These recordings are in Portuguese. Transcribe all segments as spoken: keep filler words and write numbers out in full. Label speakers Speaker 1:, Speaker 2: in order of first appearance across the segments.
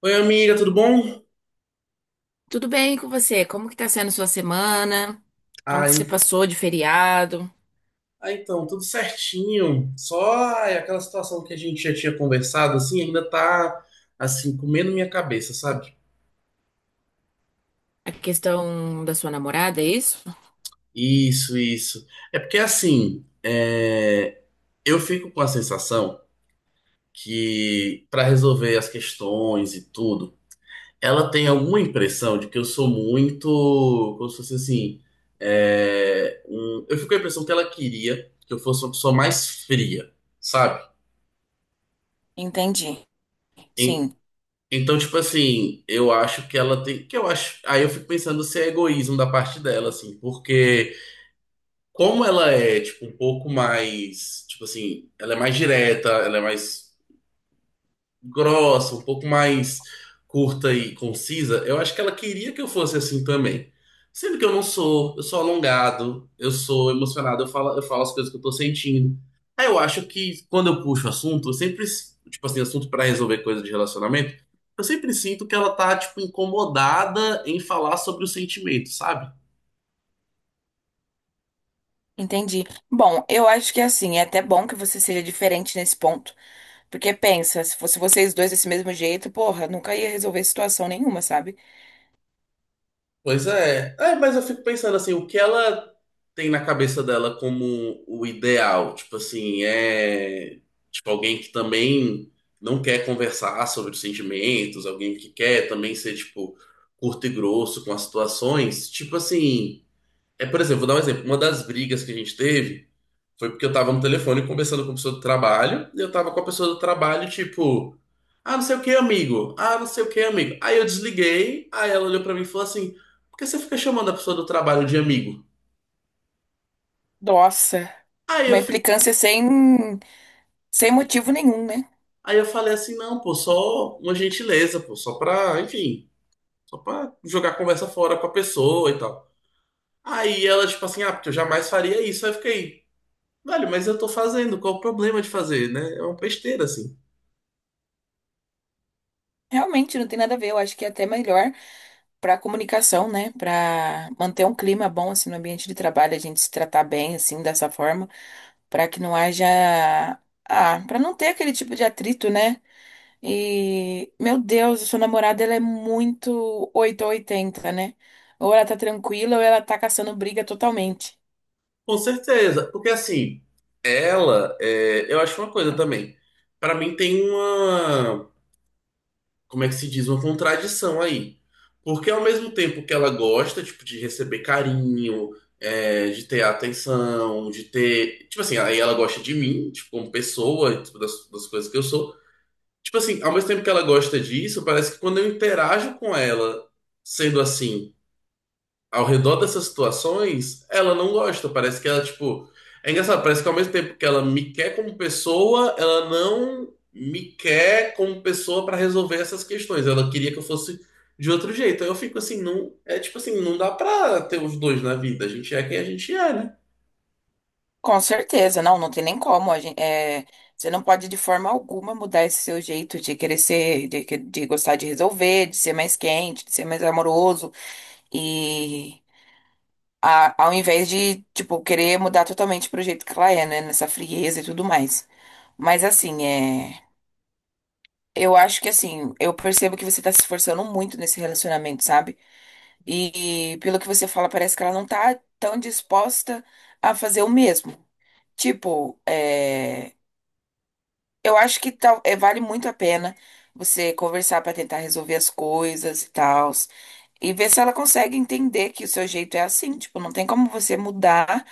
Speaker 1: Oi, amiga, tudo bom?
Speaker 2: Tudo bem com você? Como que tá sendo sua semana? Como
Speaker 1: Ah,
Speaker 2: que você
Speaker 1: en-
Speaker 2: passou de feriado?
Speaker 1: ah, então, tudo certinho. Só ai, aquela situação que a gente já tinha conversado, assim, ainda tá, assim, comendo minha cabeça, sabe?
Speaker 2: A questão da sua namorada, é isso?
Speaker 1: Isso, isso. É porque, assim, é, eu fico com a sensação que, para resolver as questões e tudo, ela tem alguma impressão de que eu sou muito, como se fosse assim, é, um- eu fico com a impressão que ela queria que eu fosse uma pessoa mais fria, sabe?
Speaker 2: Entendi. Sim,
Speaker 1: Então, tipo assim, eu acho que ela tem. Que eu acho. Aí eu fico pensando se é egoísmo da parte dela, assim, porque como ela é, tipo, um pouco mais. Tipo assim, ela é mais direta, ela é mais grossa, um pouco mais curta e concisa, eu acho que ela queria que eu fosse assim também. Sendo que eu não sou, eu sou alongado, eu sou emocionado, eu falo, eu falo as coisas que eu tô sentindo. Aí eu acho que quando eu puxo assunto, eu sempre, tipo assim, assunto pra resolver coisa de relacionamento, eu sempre sinto que ela tá, tipo, incomodada em falar sobre o sentimento, sabe?
Speaker 2: entendi. Bom, eu acho que assim, é até bom que você seja diferente nesse ponto. Porque pensa, se fosse vocês dois desse mesmo jeito, porra, nunca ia resolver situação nenhuma, sabe?
Speaker 1: Pois é. É, mas eu fico pensando assim, o que ela tem na cabeça dela como o ideal? Tipo assim, é tipo alguém que também não quer conversar sobre os sentimentos, alguém que quer também ser tipo curto e grosso com as situações. Tipo assim, é, por exemplo, vou dar um exemplo. Uma das brigas que a gente teve foi porque eu tava no telefone conversando com a pessoa do trabalho, e eu tava com a pessoa do trabalho, tipo, ah, não sei o que, amigo. Ah, não sei o que, amigo. Aí eu desliguei, aí ela olhou pra mim e falou assim: por que você fica chamando a pessoa do trabalho de amigo?
Speaker 2: Nossa,
Speaker 1: Aí
Speaker 2: uma
Speaker 1: eu, fi...
Speaker 2: implicância sem, sem motivo nenhum, né?
Speaker 1: Aí eu falei assim: não, pô, só uma gentileza, pô, só pra, enfim, só pra jogar a conversa fora com a pessoa e tal. Aí ela, tipo assim, ah, porque eu jamais faria isso. Aí eu fiquei, velho, mas eu tô fazendo, qual o problema de fazer, né? É uma besteira, assim.
Speaker 2: Realmente não tem nada a ver. Eu acho que é até melhor para comunicação, né? Para manter um clima bom assim no ambiente de trabalho, a gente se tratar bem assim dessa forma, para que não haja, ah, para não ter aquele tipo de atrito, né? E meu Deus, a sua namorada ela é muito oito ou oitenta, né? Ou ela tá tranquila ou ela tá caçando briga totalmente.
Speaker 1: Com certeza, porque assim, ela, é, eu acho uma coisa também. Pra mim tem uma, como é que se diz, uma contradição aí. Porque ao mesmo tempo que ela gosta, tipo, de receber carinho, é, de ter atenção, de ter, tipo assim, aí ela gosta de mim, tipo, como pessoa, tipo, das, das coisas que eu sou. Tipo assim, ao mesmo tempo que ela gosta disso, parece que quando eu interajo com ela sendo assim ao redor dessas situações, ela não gosta. Parece que ela, tipo. É engraçado, parece que ao mesmo tempo que ela me quer como pessoa, ela não me quer como pessoa para resolver essas questões. Ela queria que eu fosse de outro jeito. Aí eu fico assim, não. É tipo assim, não dá pra ter os dois na vida. A gente é quem a gente é, né?
Speaker 2: Com certeza, não, não tem nem como. A gente, é, você não pode de forma alguma mudar esse seu jeito de querer ser, de, que- de gostar de resolver, de ser mais quente, de ser mais amoroso. E a- ao invés de, tipo, querer mudar totalmente pro jeito que ela é, né? Nessa frieza e tudo mais. Mas assim, é. Eu acho que assim, eu percebo que você tá se esforçando muito nesse relacionamento, sabe? E, pelo que você fala, parece que ela não tá tão disposta a fazer o mesmo. Tipo, é, eu acho que tal, é, vale muito a pena você conversar pra tentar resolver as coisas e tal. E ver se ela consegue entender que o seu jeito é assim. Tipo, não tem como você mudar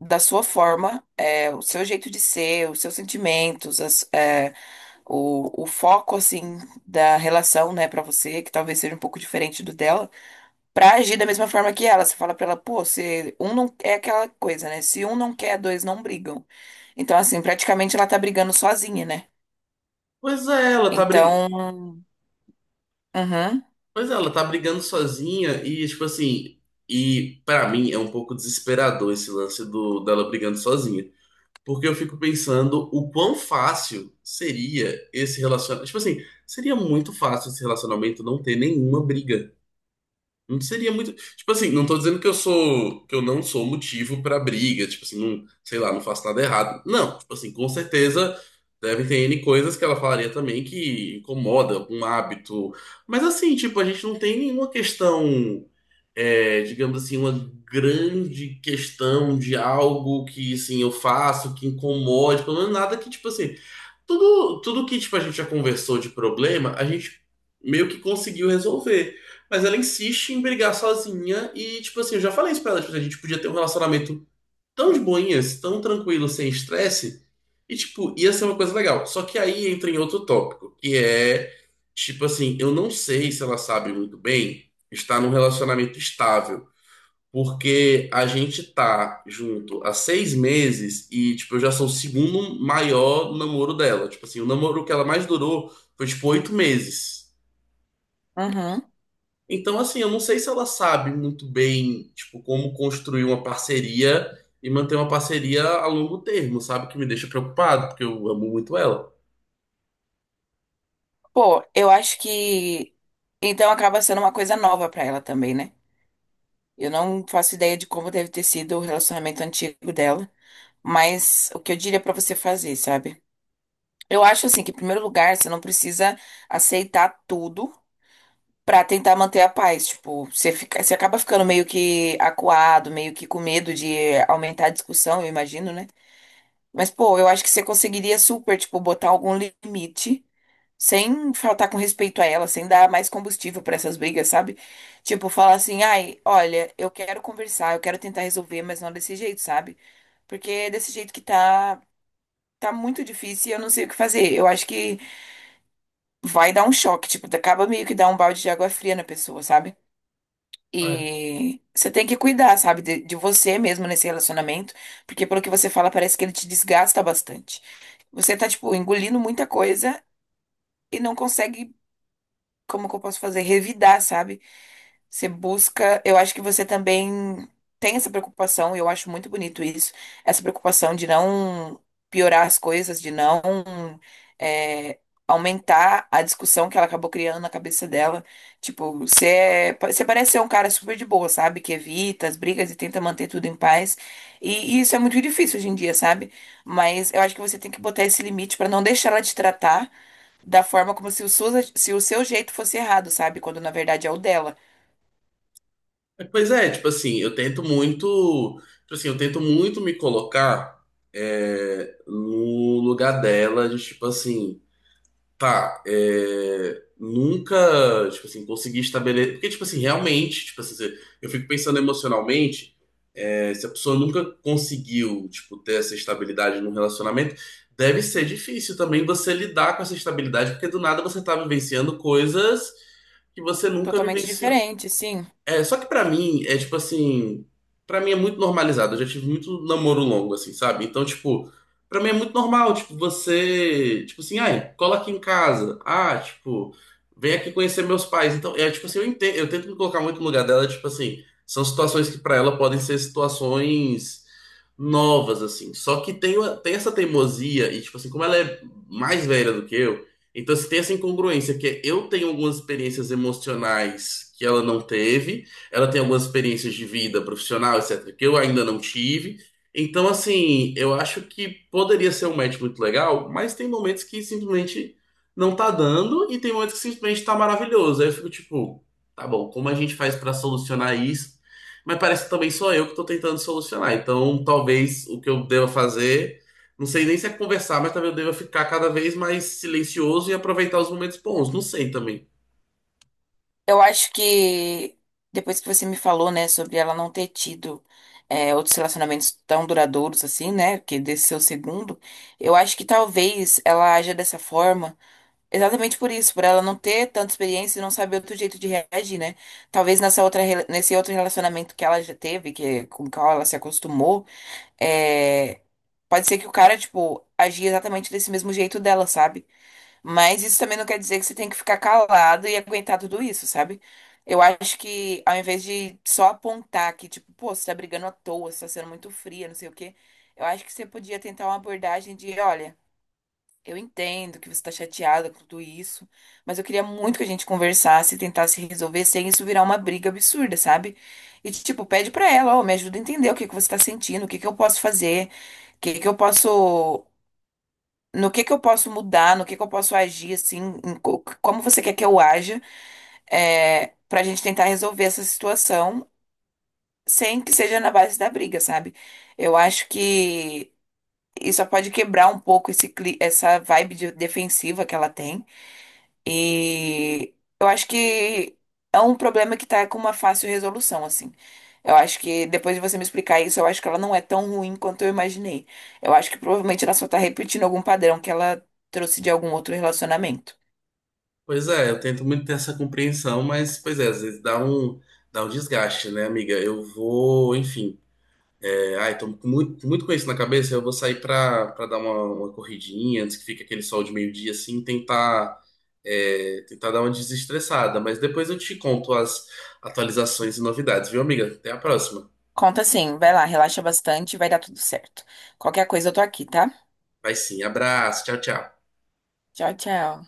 Speaker 2: da sua forma, é, o seu jeito de ser, os seus sentimentos, as- é, o, o foco assim da relação, né, pra você, que talvez seja um pouco diferente do dela, pra agir da mesma forma que ela. Você fala pra ela, pô, se um não é aquela coisa, né? Se um não quer, dois não brigam. Então, assim, praticamente ela tá brigando sozinha, né?
Speaker 1: Pois é, ela tá brigando.
Speaker 2: Então, uhum,
Speaker 1: Pois é, ela tá brigando sozinha e, tipo assim. E pra mim é um pouco desesperador esse lance do, dela brigando sozinha. Porque eu fico pensando o quão fácil seria esse relacionamento. Tipo assim, seria muito fácil esse relacionamento não ter nenhuma briga. Não seria muito. Tipo assim, não tô dizendo que eu sou. Que eu não sou motivo pra briga. Tipo assim, não, sei lá, não faço nada errado. Não, tipo assim, com certeza deve ter N coisas que ela falaria também que incomoda, um hábito. Mas assim, tipo, a gente não tem nenhuma questão é, digamos assim, uma grande questão de algo que, assim, eu faço, que incomode, pelo menos nada que, tipo assim, tudo, tudo que, tipo, a gente já conversou de problema, a gente meio que conseguiu resolver. Mas ela insiste em brigar sozinha e, tipo assim, eu já falei isso pra ela, tipo, a gente podia ter um relacionamento tão de boinhas, tão tranquilo, sem estresse, e, tipo, ia ser uma coisa legal. Só que aí entra em outro tópico, que é, tipo assim, eu não sei se ela sabe muito bem estar num relacionamento estável. Porque a gente tá junto há seis meses e, tipo, eu já sou o segundo maior namoro dela. Tipo assim, o namoro que ela mais durou foi, tipo, oito meses.
Speaker 2: uhum.
Speaker 1: Então, assim, eu não sei se ela sabe muito bem, tipo, como construir uma parceria e manter uma parceria a longo termo, sabe? Que me deixa preocupado, porque eu amo muito ela.
Speaker 2: Pô, eu acho que então acaba sendo uma coisa nova pra ela também, né? Eu não faço ideia de como deve ter sido o relacionamento antigo dela. Mas o que eu diria pra você fazer, sabe? Eu acho assim que, em primeiro lugar, você não precisa aceitar tudo pra tentar manter a paz. Tipo, você fica, você acaba ficando meio que acuado, meio que com medo de aumentar a discussão, eu imagino, né? Mas, pô, eu acho que você conseguiria super, tipo, botar algum limite sem faltar com respeito a ela, sem dar mais combustível pra essas brigas, sabe? Tipo, falar assim, ai, olha, eu quero conversar, eu quero tentar resolver, mas não desse jeito, sabe? Porque é desse jeito que tá. Tá muito difícil e eu não sei o que fazer. Eu acho que vai dar um choque, tipo, acaba meio que dar um balde de água fria na pessoa, sabe?
Speaker 1: Ah,
Speaker 2: E você tem que cuidar, sabe, de, de você mesmo nesse relacionamento, porque pelo que você fala, parece que ele te desgasta bastante. Você tá, tipo, engolindo muita coisa e não consegue, como que eu posso fazer, revidar, sabe? Você busca, eu acho que você também tem essa preocupação, e eu acho muito bonito isso, essa preocupação de não piorar as coisas, de não, é, aumentar a discussão que ela acabou criando na cabeça dela. Tipo, você, é- você parece ser um cara super de boa, sabe? Que evita as brigas e tenta manter tudo em paz. E, e isso é muito difícil hoje em dia, sabe? Mas eu acho que você tem que botar esse limite pra não deixar ela te tratar da forma como se o, seu- se o seu jeito fosse errado, sabe? Quando na verdade é o dela.
Speaker 1: é, Pois é, tipo assim, eu tento muito, tipo assim, eu tento muito me colocar é, no lugar dela, de tipo assim. Tá, é, nunca, tipo assim, consegui estabelecer. Porque, tipo assim, realmente, tipo assim, se- eu fico pensando emocionalmente, é, se a pessoa nunca conseguiu, tipo, ter essa estabilidade num relacionamento, deve ser difícil também você lidar com essa estabilidade, porque do nada você tá vivenciando coisas que você nunca
Speaker 2: Totalmente
Speaker 1: vivenciou.
Speaker 2: diferente, sim.
Speaker 1: É, só que pra mim é tipo assim, pra mim é muito normalizado. Eu já tive muito namoro longo assim, sabe? Então, tipo, pra mim é muito normal, tipo, você, tipo assim, ai, cola aqui em casa. Ah, tipo, vem aqui conhecer meus pais. Então, é tipo assim, eu entendo, eu tento me colocar muito no lugar dela, tipo assim, são situações que pra ela podem ser situações novas assim. Só que tem uma- tem essa teimosia e tipo assim, como ela é mais velha do que eu, então, se tem essa incongruência, que é eu tenho algumas experiências emocionais que ela não teve, ela tem algumas experiências de vida profissional, etcétera, que eu ainda não tive. Então, assim, eu acho que poderia ser um match muito legal, mas tem momentos que simplesmente não tá dando e tem momentos que simplesmente tá maravilhoso. Aí eu fico tipo, tá bom, como a gente faz pra solucionar isso? Mas parece que também sou eu que tô tentando solucionar. Então, talvez o que eu deva fazer, não sei nem se é conversar, mas talvez eu deva ficar cada vez mais silencioso e aproveitar os momentos bons. Não sei também.
Speaker 2: Eu acho que depois que você me falou, né, sobre ela não ter tido, é, outros relacionamentos tão duradouros assim, né, que desse seu segundo, eu acho que talvez ela haja dessa forma exatamente por isso, por ela não ter tanta experiência e não saber outro jeito de reagir, né? Talvez nessa outra, rela- nesse outro relacionamento que ela já teve, que com o qual ela se acostumou, é, pode ser que o cara, tipo, agia exatamente desse mesmo jeito dela, sabe? Mas isso também não quer dizer que você tem que ficar calado e aguentar tudo isso, sabe? Eu acho que ao invés de só apontar que, tipo, pô, você tá brigando à toa, você tá sendo muito fria, não sei o quê, eu acho que você podia tentar uma abordagem de, olha, eu entendo que você tá chateada com tudo isso, mas eu queria muito que a gente conversasse e tentasse resolver sem isso virar uma briga absurda, sabe? E, tipo, pede pra ela, ó, me ajuda a entender o que que você tá sentindo, o que que eu posso fazer, o que que eu posso, no que que eu posso mudar, no que que eu posso agir, assim, em co- como você quer que eu haja, é, pra gente tentar resolver essa situação sem que seja na base da briga, sabe? Eu acho que isso só pode quebrar um pouco esse, cli- essa vibe de- defensiva que ela tem. E eu acho que é um problema que tá com uma fácil resolução, assim. Eu acho que depois de você me explicar isso, eu acho que ela não é tão ruim quanto eu imaginei. Eu acho que provavelmente ela só tá repetindo algum padrão que ela trouxe de algum outro relacionamento.
Speaker 1: Pois é, eu tento muito ter essa compreensão, mas, pois é, às vezes dá um, dá um desgaste, né, amiga? Eu vou, enfim, é, ai, tô com muito, com muito com isso na cabeça, eu vou sair pra, pra dar uma, uma corridinha antes que fique aquele sol de meio-dia, assim, tentar, é, tentar dar uma desestressada. Mas depois eu te conto as atualizações e novidades, viu, amiga? Até a próxima.
Speaker 2: Conta assim, vai lá, relaxa bastante, vai dar tudo certo. Qualquer coisa eu tô aqui, tá?
Speaker 1: Vai sim, abraço, tchau, tchau.
Speaker 2: Tchau, tchau.